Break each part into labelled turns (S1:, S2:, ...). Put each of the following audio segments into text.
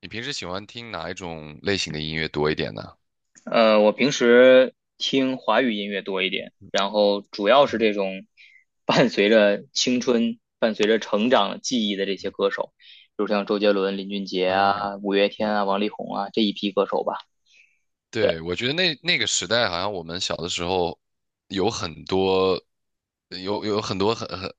S1: 你平时喜欢听哪一种类型的音乐多一点呢？
S2: 我平时听华语音乐多一点，然后主要是
S1: 嗯。
S2: 这种 伴随着青春、伴随着成长记忆的这些
S1: 嗯。
S2: 歌手，比如像周杰伦、林俊杰
S1: 啊，
S2: 啊、五月天
S1: 嗯，
S2: 啊、王力宏啊这一批歌手吧。
S1: 对，我觉得那个时代，好像我们小的时候有很多，有很多很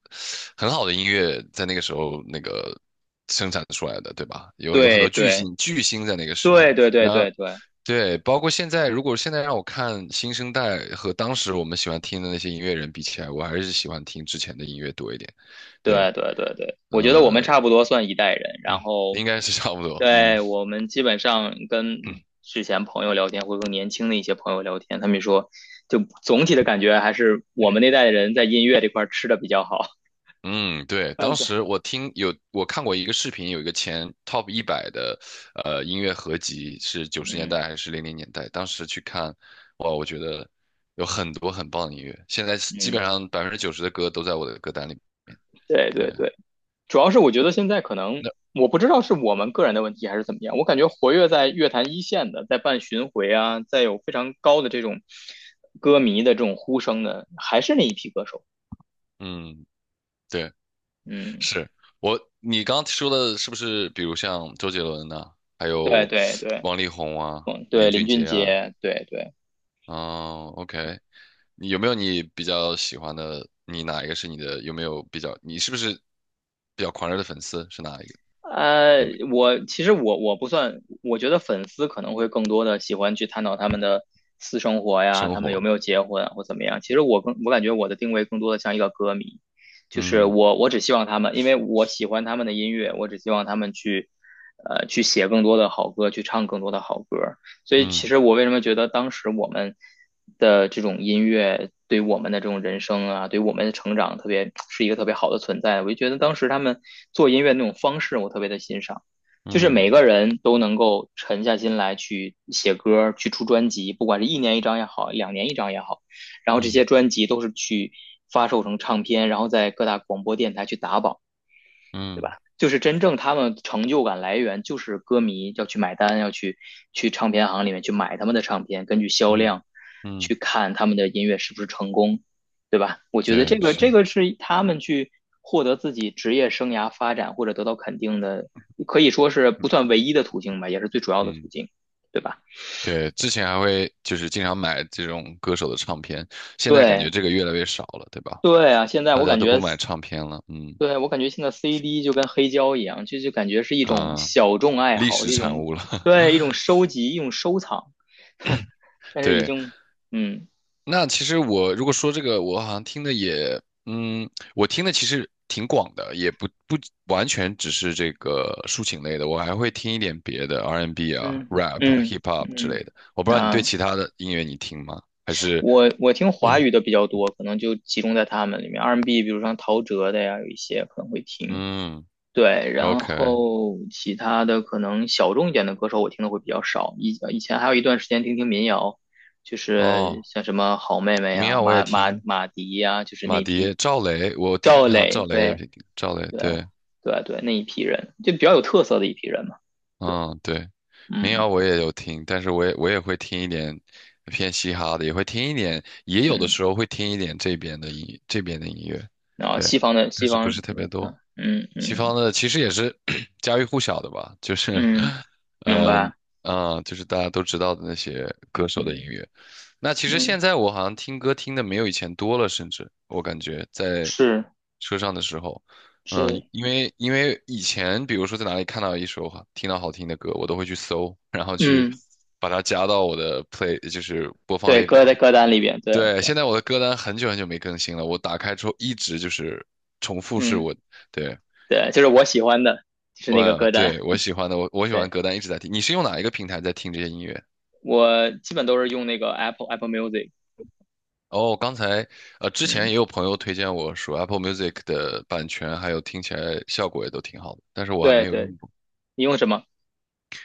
S1: 很好的音乐在那个时候那个生产出来的，对吧？有很
S2: 对
S1: 多巨
S2: 对
S1: 星巨星在那个时
S2: 对
S1: 候，
S2: 对对
S1: 然
S2: 对
S1: 后
S2: 对，
S1: 对，包括现在，如果现在让我看新生代和当时我们喜欢听的那些音乐人比起来，我还是喜欢听之前的音乐多一点。对，
S2: 对对对对，我觉得我们
S1: 呃
S2: 差不多算一代人，然后，
S1: 应该是差不多。嗯。
S2: 对，我们基本上
S1: 嗯。
S2: 跟之前朋友聊天，或者说年轻的一些朋友聊天，他们说，就总体的感觉还是我们那代人在音乐这块儿吃的比较好。
S1: 嗯，对，
S2: 嗯，
S1: 当
S2: 对，
S1: 时我听有我看过一个视频，有一个前 top 一百的音乐合集是九十年
S2: 嗯
S1: 代还是零零年代，当时去看，哇，我觉得有很多很棒的音乐，现在基
S2: 嗯，
S1: 本上百分之九十的歌都在我的歌单里面。
S2: 对
S1: 对，
S2: 对对，主要是我觉得现在可能
S1: 那。
S2: 我不知道是我们个人的问题还是怎么样，我感觉活跃在乐坛一线的，在办巡回啊，在有非常高的这种歌迷的这种呼声的，还是那一批歌手。
S1: 嗯，对，
S2: 嗯。
S1: 是。我你刚刚说的是不是，比如像周杰伦呐、还
S2: 对
S1: 有
S2: 对对，
S1: 王力宏啊、
S2: 嗯，
S1: 林
S2: 对，林
S1: 俊
S2: 俊
S1: 杰啊。
S2: 杰，对对，
S1: 哦，OK,你有没有你比较喜欢的？你哪一个是你的？有没有比较？你是不是比较狂热的粉丝？是哪一个？
S2: 呃，
S1: 有没有
S2: 我其实不算，我觉得粉丝可能会更多的喜欢去探讨他们的私生活呀，
S1: 生
S2: 他们有
S1: 活？
S2: 没有结婚啊或怎么样。其实我感觉我的定位更多的像一个歌迷，就是
S1: 嗯。
S2: 我只希望他们，因为我喜欢他们的音乐，我只希望他们去写更多的好歌，去唱更多的好歌。所以其
S1: 嗯。
S2: 实我为什么觉得当时我们的这种音乐对我们的这种人生啊，对我们的成长特别是一个特别好的存在，我就觉得当时他们做音乐那种方式我特别的欣赏，就是
S1: 嗯。
S2: 每个人都能够沉下心来去写歌，去出专辑，不管是1年1张也好，2年1张也好，然后这
S1: 嗯。
S2: 些专辑都是去发售成唱片，然后在各大广播电台去打榜。对
S1: 嗯。
S2: 吧？就是真正他们成就感来源，就是歌迷要去买单，要去唱片行里面去买他们的唱片，根据销
S1: 嗯。
S2: 量
S1: 嗯，
S2: 去看他们的音乐是不是成功。我觉得这
S1: 对，
S2: 个这
S1: 是。
S2: 个是他们去获得自己职业生涯发展或者得到肯定的，可以说是不算唯一的途径吧，也是最主要的
S1: 嗯，
S2: 途径，对吧？
S1: 对，之前还会就是经常买这种歌手的唱片，现在感觉
S2: 对
S1: 这个越来越少了，对吧？
S2: 对啊，现在
S1: 大
S2: 我
S1: 家
S2: 感
S1: 都
S2: 觉
S1: 不买唱片了。嗯。
S2: 对，我感觉现在 CD 就跟黑胶一样，就感觉是一种
S1: 啊，
S2: 小众爱
S1: 历
S2: 好，
S1: 史
S2: 一
S1: 产
S2: 种
S1: 物了。
S2: 对一 种收集，一种收藏。但是已
S1: 对。
S2: 经，嗯
S1: 那其实我如果说这个，我好像听的也，嗯，我听的其实挺广的，也不完全只是这个抒情类的，我还会听一点别的 R&B 啊、
S2: 嗯
S1: rap 啊
S2: 嗯
S1: hip hop 之类
S2: 嗯，
S1: 的。我不知道你对
S2: 啊，
S1: 其他的音乐你听吗？还是。
S2: 我听华 语的比较多，可能就集中在他们里面，R&B，n 比如像陶喆的呀，有一些可能会听，
S1: 嗯
S2: 对，然
S1: ，OK，o k。
S2: 后其他的可能小众一点的歌手我听的会比较少。以前还有一段时间听听民谣，就是
S1: 哦，
S2: 像什么好妹妹
S1: 民
S2: 啊、
S1: 谣我也
S2: 马马
S1: 听，
S2: 马迪呀、就是
S1: 马
S2: 那一批
S1: 迪、赵雷，我听
S2: 赵
S1: 哈
S2: 磊，
S1: 赵雷也
S2: 对
S1: 听，赵雷
S2: 对
S1: 对。
S2: 对啊对，那一批人就比较有特色的一批人嘛。
S1: 嗯，对，民
S2: 嗯
S1: 谣我也有听，但是我也会听一点偏嘻哈的，也会听一点，也有的
S2: 嗯，
S1: 时候会听一点这边的音乐，
S2: 然后
S1: 对，
S2: 西方的
S1: 但
S2: 西
S1: 是不
S2: 方，
S1: 是特别
S2: 嗯
S1: 多。
S2: 嗯
S1: 西
S2: 嗯
S1: 方的其实也是 家喻户晓的吧，就是。
S2: 嗯，明
S1: 呃，
S2: 白，
S1: 啊、就是大家都知道的那些歌手的音
S2: 嗯
S1: 乐。那其实
S2: 嗯，
S1: 现在我好像听歌听的没有以前多了，甚至我感觉在
S2: 是
S1: 车上的时候。嗯，
S2: 是，
S1: 因为以前比如说在哪里看到一首好听到好听的歌，我都会去搜，然后去
S2: 嗯，
S1: 把它加到我的 play,就是播放
S2: 对，
S1: 列
S2: 歌
S1: 表
S2: 在
S1: 里。
S2: 歌单里边，对
S1: 对，
S2: 对，
S1: 现在我的歌单很久没更新了，我打开之后一直就是重复是
S2: 嗯。
S1: 我。对，
S2: 对，就是我喜欢的，就是那个歌单。
S1: 我喜欢的，我喜欢
S2: 对，
S1: 歌单一直在听。你是用哪一个平台在听这些音乐？
S2: 我基本都是用那个 Apple Music。
S1: 哦，刚才之前也
S2: 嗯，
S1: 有朋友推荐我说 Apple Music 的版权还有听起来效果也都挺好的，但是我还
S2: 对
S1: 没有
S2: 对，
S1: 用过。
S2: 你用什么？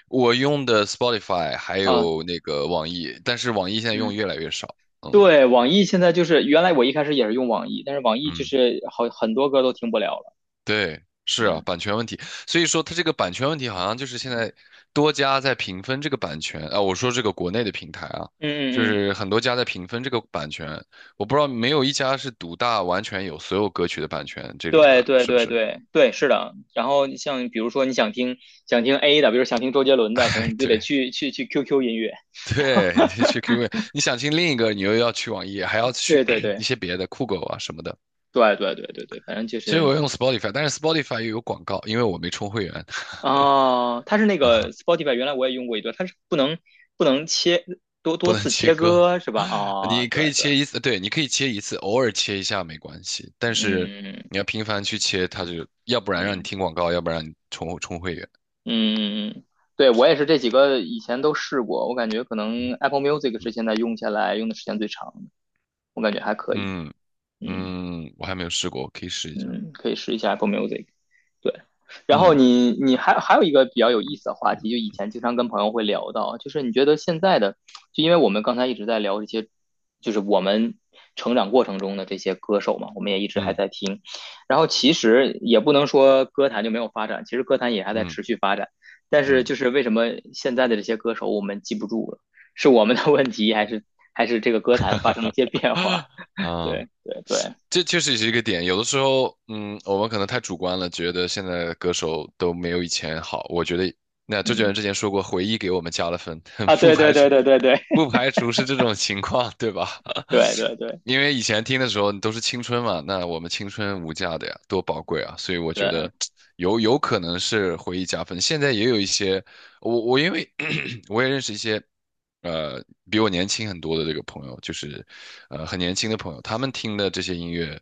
S1: 我用的 Spotify 还
S2: 啊，
S1: 有那个网易，但是网易现在用
S2: 嗯，
S1: 越来越少。嗯。
S2: 对，网易现在就是原来我一开始也是用网易，但是网易就
S1: 嗯，
S2: 是好很多歌都听不了了。
S1: 对，是啊，
S2: 嗯
S1: 版权问题。所以说它这个版权问题好像就是现在多家在平分这个版权啊，我说这个国内的平台啊，就
S2: 嗯嗯嗯，
S1: 是很多家在平分这个版权，我不知道没有一家是独大完全有所有歌曲的版权这种
S2: 对
S1: 的，
S2: 对
S1: 是不
S2: 对
S1: 是？
S2: 对对，是的。然后你像比如说你想听A 的，比如想听周杰 伦的，可
S1: 哎，
S2: 能你就得
S1: 对。
S2: 去 QQ 音乐。
S1: 对，你 去 QQ,你想听另一个，你又要去网易，还要去
S2: 对对
S1: 一
S2: 对
S1: 些别的酷狗啊什么的。
S2: 对对对对对，反正就
S1: 所以
S2: 是
S1: 我用 Spotify,但是 Spotify 又有广告，因为我没充会员。
S2: 哦，它是那 个
S1: 啊，
S2: Spotify，原来我也用过一段，它是不能切多
S1: 不
S2: 多
S1: 能
S2: 次
S1: 切
S2: 切
S1: 歌。
S2: 割是吧？哦，
S1: 你可
S2: 对
S1: 以
S2: 对，
S1: 切一次，对，你可以切一次，偶尔切一下没关系，但是
S2: 嗯
S1: 你要频繁去切，它就要不然让你
S2: 嗯
S1: 听广告，要不然让你充会员。
S2: 嗯嗯，对我也是这几个以前都试过，我感觉可能 Apple Music 是
S1: 嗯。
S2: 现在用下来用的时间最长的，我感觉还可以，
S1: 嗯，
S2: 嗯。
S1: 嗯我还没有试过，我可以试一下。
S2: 嗯，可以试一下 Apple Music。对，然后
S1: 嗯。
S2: 你还有一个比较有意思的话题，就以前经常跟朋友会聊到，就是你觉得现在的，就因为我们刚才一直在聊这些，就是我们成长过程中的这些歌手嘛，我们也一直还
S1: 嗯。
S2: 在听，然后其实也不能说歌坛就没有发展，其实歌坛也还在
S1: 嗯。
S2: 持续发展，但是
S1: 嗯。
S2: 就是为什么现在的这些歌手我们记不住了，是我们的问题，还是这个歌坛发生了一些变化？
S1: 啊，
S2: 对对对，
S1: 这确实是一个点。有的时候，嗯，我们可能太主观了，觉得现在的歌手都没有以前好。我觉得，那周杰
S2: 嗯。
S1: 伦之前说过，回忆给我们加了分。
S2: 啊，
S1: 不
S2: 对对
S1: 排除
S2: 对对对对，
S1: 不排除是这种情况，对吧？
S2: 对 对对
S1: 因为以前听的时候都是青春嘛，那我们青春无价的呀，多宝贵啊！所以我觉
S2: 对，嗯
S1: 得有可能是回忆加分。现在也有一些，我因为 我也认识一些。呃，比我年轻很多的这个朋友，就是，呃，很年轻的朋友，他们听的这些音乐，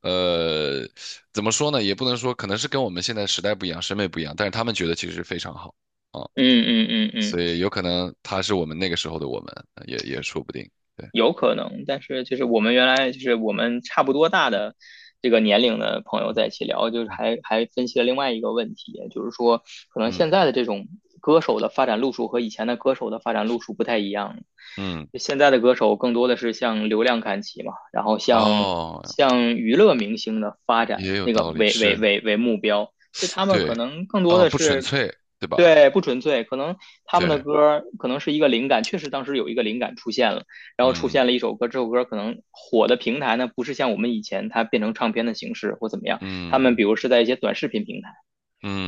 S1: 呃，怎么说呢？也不能说，可能是跟我们现在时代不一样，审美不一样，但是他们觉得其实非常好啊，
S2: 嗯嗯
S1: 所
S2: 嗯，
S1: 以有可能他是我们那个时候的我们，也说不定。对。
S2: 有可能，但是就是我们原来就是我们差不多大的这个年龄的朋友在一起聊，就是还分析了另外一个问题，就是说可能
S1: 嗯。
S2: 现在的这种歌手的发展路数和以前的歌手的发展路数不太一样。
S1: 嗯。
S2: 现在的歌手更多的是向流量看齐嘛，然后向
S1: 哦，
S2: 向娱乐明星的发展
S1: 也有
S2: 那个
S1: 道理，
S2: 为为
S1: 是，
S2: 为为目标，所以他们可
S1: 对，
S2: 能更多
S1: 啊，
S2: 的
S1: 不纯
S2: 是。
S1: 粹，对吧？
S2: 对，不纯粹，可能他们的
S1: 对。
S2: 歌可能是一个灵感，确实当时有一个灵感出现了。然后出现
S1: 嗯。
S2: 了一首歌，这首歌可能火的平台呢，不是像我们以前它变成唱片的形式或怎么样，他们比
S1: 嗯。
S2: 如是在一些短视频平台，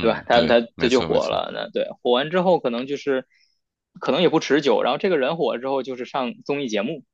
S2: 对吧？它
S1: 对，
S2: 它它
S1: 没
S2: 就
S1: 错没
S2: 火
S1: 错。
S2: 了，那对火完之后，可能就是可能也不持久，然后这个人火了之后，就是上综艺节目，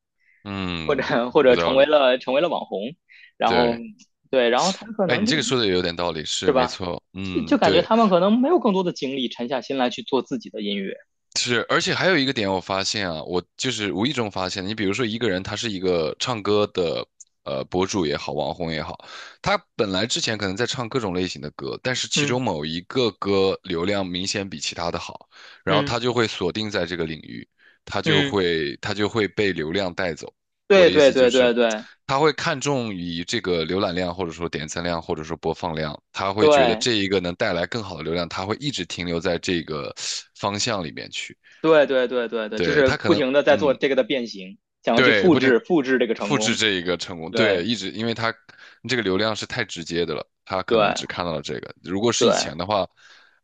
S2: 或
S1: 嗯，
S2: 者或
S1: 有
S2: 者成
S1: 道
S2: 为
S1: 理，
S2: 了成为了网红，然后
S1: 对。
S2: 对，然后他可
S1: 哎，
S2: 能
S1: 你
S2: 就
S1: 这个说的也有点道理，是没错，
S2: 就
S1: 嗯，
S2: 就感觉
S1: 对，
S2: 他们可能没有更多的精力沉下心来去做自己的音乐，
S1: 是，而且还有一个点我发现啊，我就是无意中发现，你比如说一个人他是一个唱歌的博主也好，网红也好，他本来之前可能在唱各种类型的歌，但是其
S2: 嗯
S1: 中某一个歌流量明显比其他的好，然后
S2: 嗯
S1: 他就会锁定在这个领域，
S2: 嗯，
S1: 他就会被流量带走。我
S2: 对
S1: 的意
S2: 对
S1: 思就
S2: 对
S1: 是，
S2: 对对
S1: 他会看重于这个浏览量，或者说点赞量，或者说播放量，他会觉得
S2: 对。
S1: 这一个能带来更好的流量，他会一直停留在这个方向里面去。
S2: 对对对对对，就
S1: 对，
S2: 是
S1: 他可
S2: 不
S1: 能。
S2: 停的在做
S1: 嗯，
S2: 这个的变形，想要去
S1: 对，
S2: 复
S1: 不停，
S2: 制复制这个成
S1: 复制
S2: 功。
S1: 这一个成功，对，
S2: 对
S1: 一直因为他这个流量是太直接的了，他可能只
S2: 对
S1: 看到了这个。如果是以
S2: 对
S1: 前的话，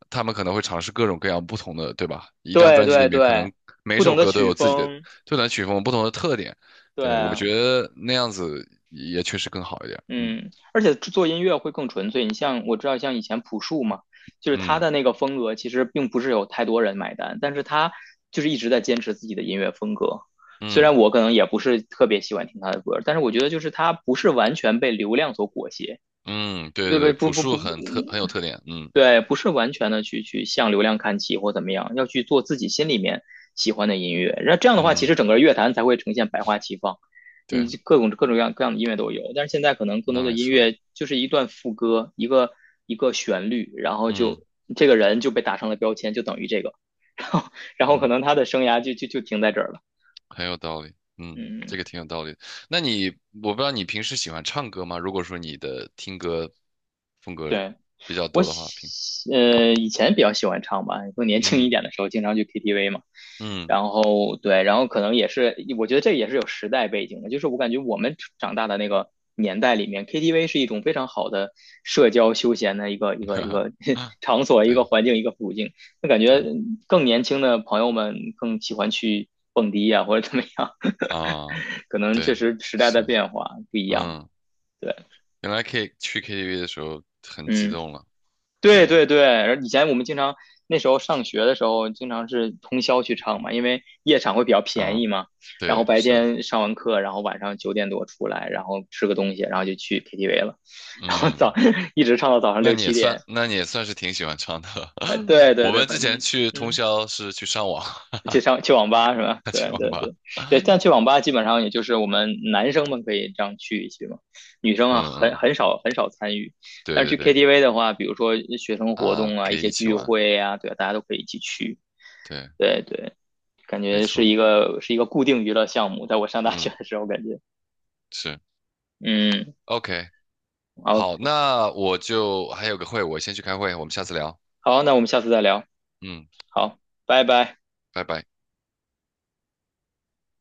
S1: 他们可能会尝试各种各样不同的，对吧？一张
S2: 对
S1: 专辑里
S2: 对
S1: 面可
S2: 对，
S1: 能每
S2: 不懂
S1: 首
S2: 得
S1: 歌都
S2: 曲
S1: 有自己的
S2: 风，
S1: 曲风不同的特点，对，我
S2: 对，
S1: 觉得那样子也确实更好一点。嗯。
S2: 嗯，而且做音乐会更纯粹。你像我知道，像以前朴树嘛，就是他
S1: 嗯。
S2: 的那个风格，其实并不是有太多人买单，但是他就是一直在坚持自己的音乐风格。虽然
S1: 嗯。
S2: 我可能也不是特别喜欢听他的歌，但是我觉得就是他不是完全被流量所裹挟，
S1: 嗯，对
S2: 对
S1: 对
S2: 不对？
S1: 对，
S2: 不
S1: 朴
S2: 不不，
S1: 树很特
S2: 嗯
S1: 很有特点。嗯。
S2: 对，不是完全的去向流量看齐或怎么样，要去做自己心里面喜欢的音乐。那这样的话，其
S1: 嗯，
S2: 实整个乐坛才会呈现百花齐放，你
S1: 对，
S2: 各种各样的音乐都有。但是现在可能更多
S1: 那
S2: 的
S1: 没
S2: 音
S1: 错。
S2: 乐就是一段副歌，一个旋律，然后
S1: 嗯。
S2: 就这个人就被打上了标签，就等于这个，然后然后可
S1: 嗯。
S2: 能他的生涯就停在这儿了。
S1: 很有道理，嗯，这
S2: 嗯，
S1: 个挺有道理。那你，我不知道你平时喜欢唱歌吗？如果说你的听歌风格
S2: 对。
S1: 比较多的话，平。
S2: 以前比较喜欢唱吧，更年轻一
S1: 嗯。
S2: 点的时候经常去 KTV 嘛。
S1: 嗯，
S2: 然后对，然后可能也是，我觉得这也是有时代背景的，就是我感觉我们长大的那个年代里面，KTV 是一种非常好的社交休闲的一个 场所、一个
S1: 对
S2: 环境、一个途径。那感觉
S1: 对
S2: 更年轻的朋友们更喜欢去蹦迪呀、或者怎么样，
S1: 啊，
S2: 可能确
S1: 对，
S2: 实时代的
S1: 是，
S2: 变化不一样。
S1: 嗯，
S2: 对，
S1: 原来可以去 KTV 的时候很激
S2: 嗯。
S1: 动了，
S2: 对
S1: 对
S2: 对对，然后以前我们经常那时候上学的时候，经常是通宵去唱嘛，因为夜场会比较便宜
S1: 啊，
S2: 嘛。然后
S1: 对
S2: 白
S1: 是，
S2: 天上完课，然后晚上9点多出来，然后吃个东西，然后就去 KTV 了，然后早
S1: 嗯，
S2: 一直唱到早上
S1: 那
S2: 六
S1: 你也
S2: 七
S1: 算，
S2: 点。
S1: 那你也算是挺喜欢唱的。
S2: 哎，对对
S1: 我
S2: 对，
S1: 们
S2: 反
S1: 之前
S2: 正
S1: 去通
S2: 嗯。
S1: 宵是去上网。
S2: 去上去网吧是吧？
S1: 去
S2: 对
S1: 网
S2: 对
S1: 吧。
S2: 对 对，但
S1: 嗯。
S2: 去网吧基本上也就是我们男生们可以这样去一去嘛，女生啊很
S1: 嗯，
S2: 很少很少参与。
S1: 对
S2: 但是
S1: 对
S2: 去
S1: 对。
S2: KTV 的话，比如说学生活动
S1: 啊，
S2: 啊，
S1: 可
S2: 一
S1: 以
S2: 些
S1: 一起
S2: 聚
S1: 玩，
S2: 会呀，对啊大家都可以一起去。
S1: 对，
S2: 对对，感
S1: 没
S2: 觉是
S1: 错，
S2: 一个是一个固定娱乐项目，在我上大学
S1: 嗯，
S2: 的时候感觉，
S1: 是
S2: 嗯，
S1: ，OK,
S2: 好
S1: 好，那我就还有个会，我先去开会，我们下次聊，
S2: 好，那我们下次再聊，
S1: 嗯，好，
S2: 好，拜拜。
S1: 拜拜。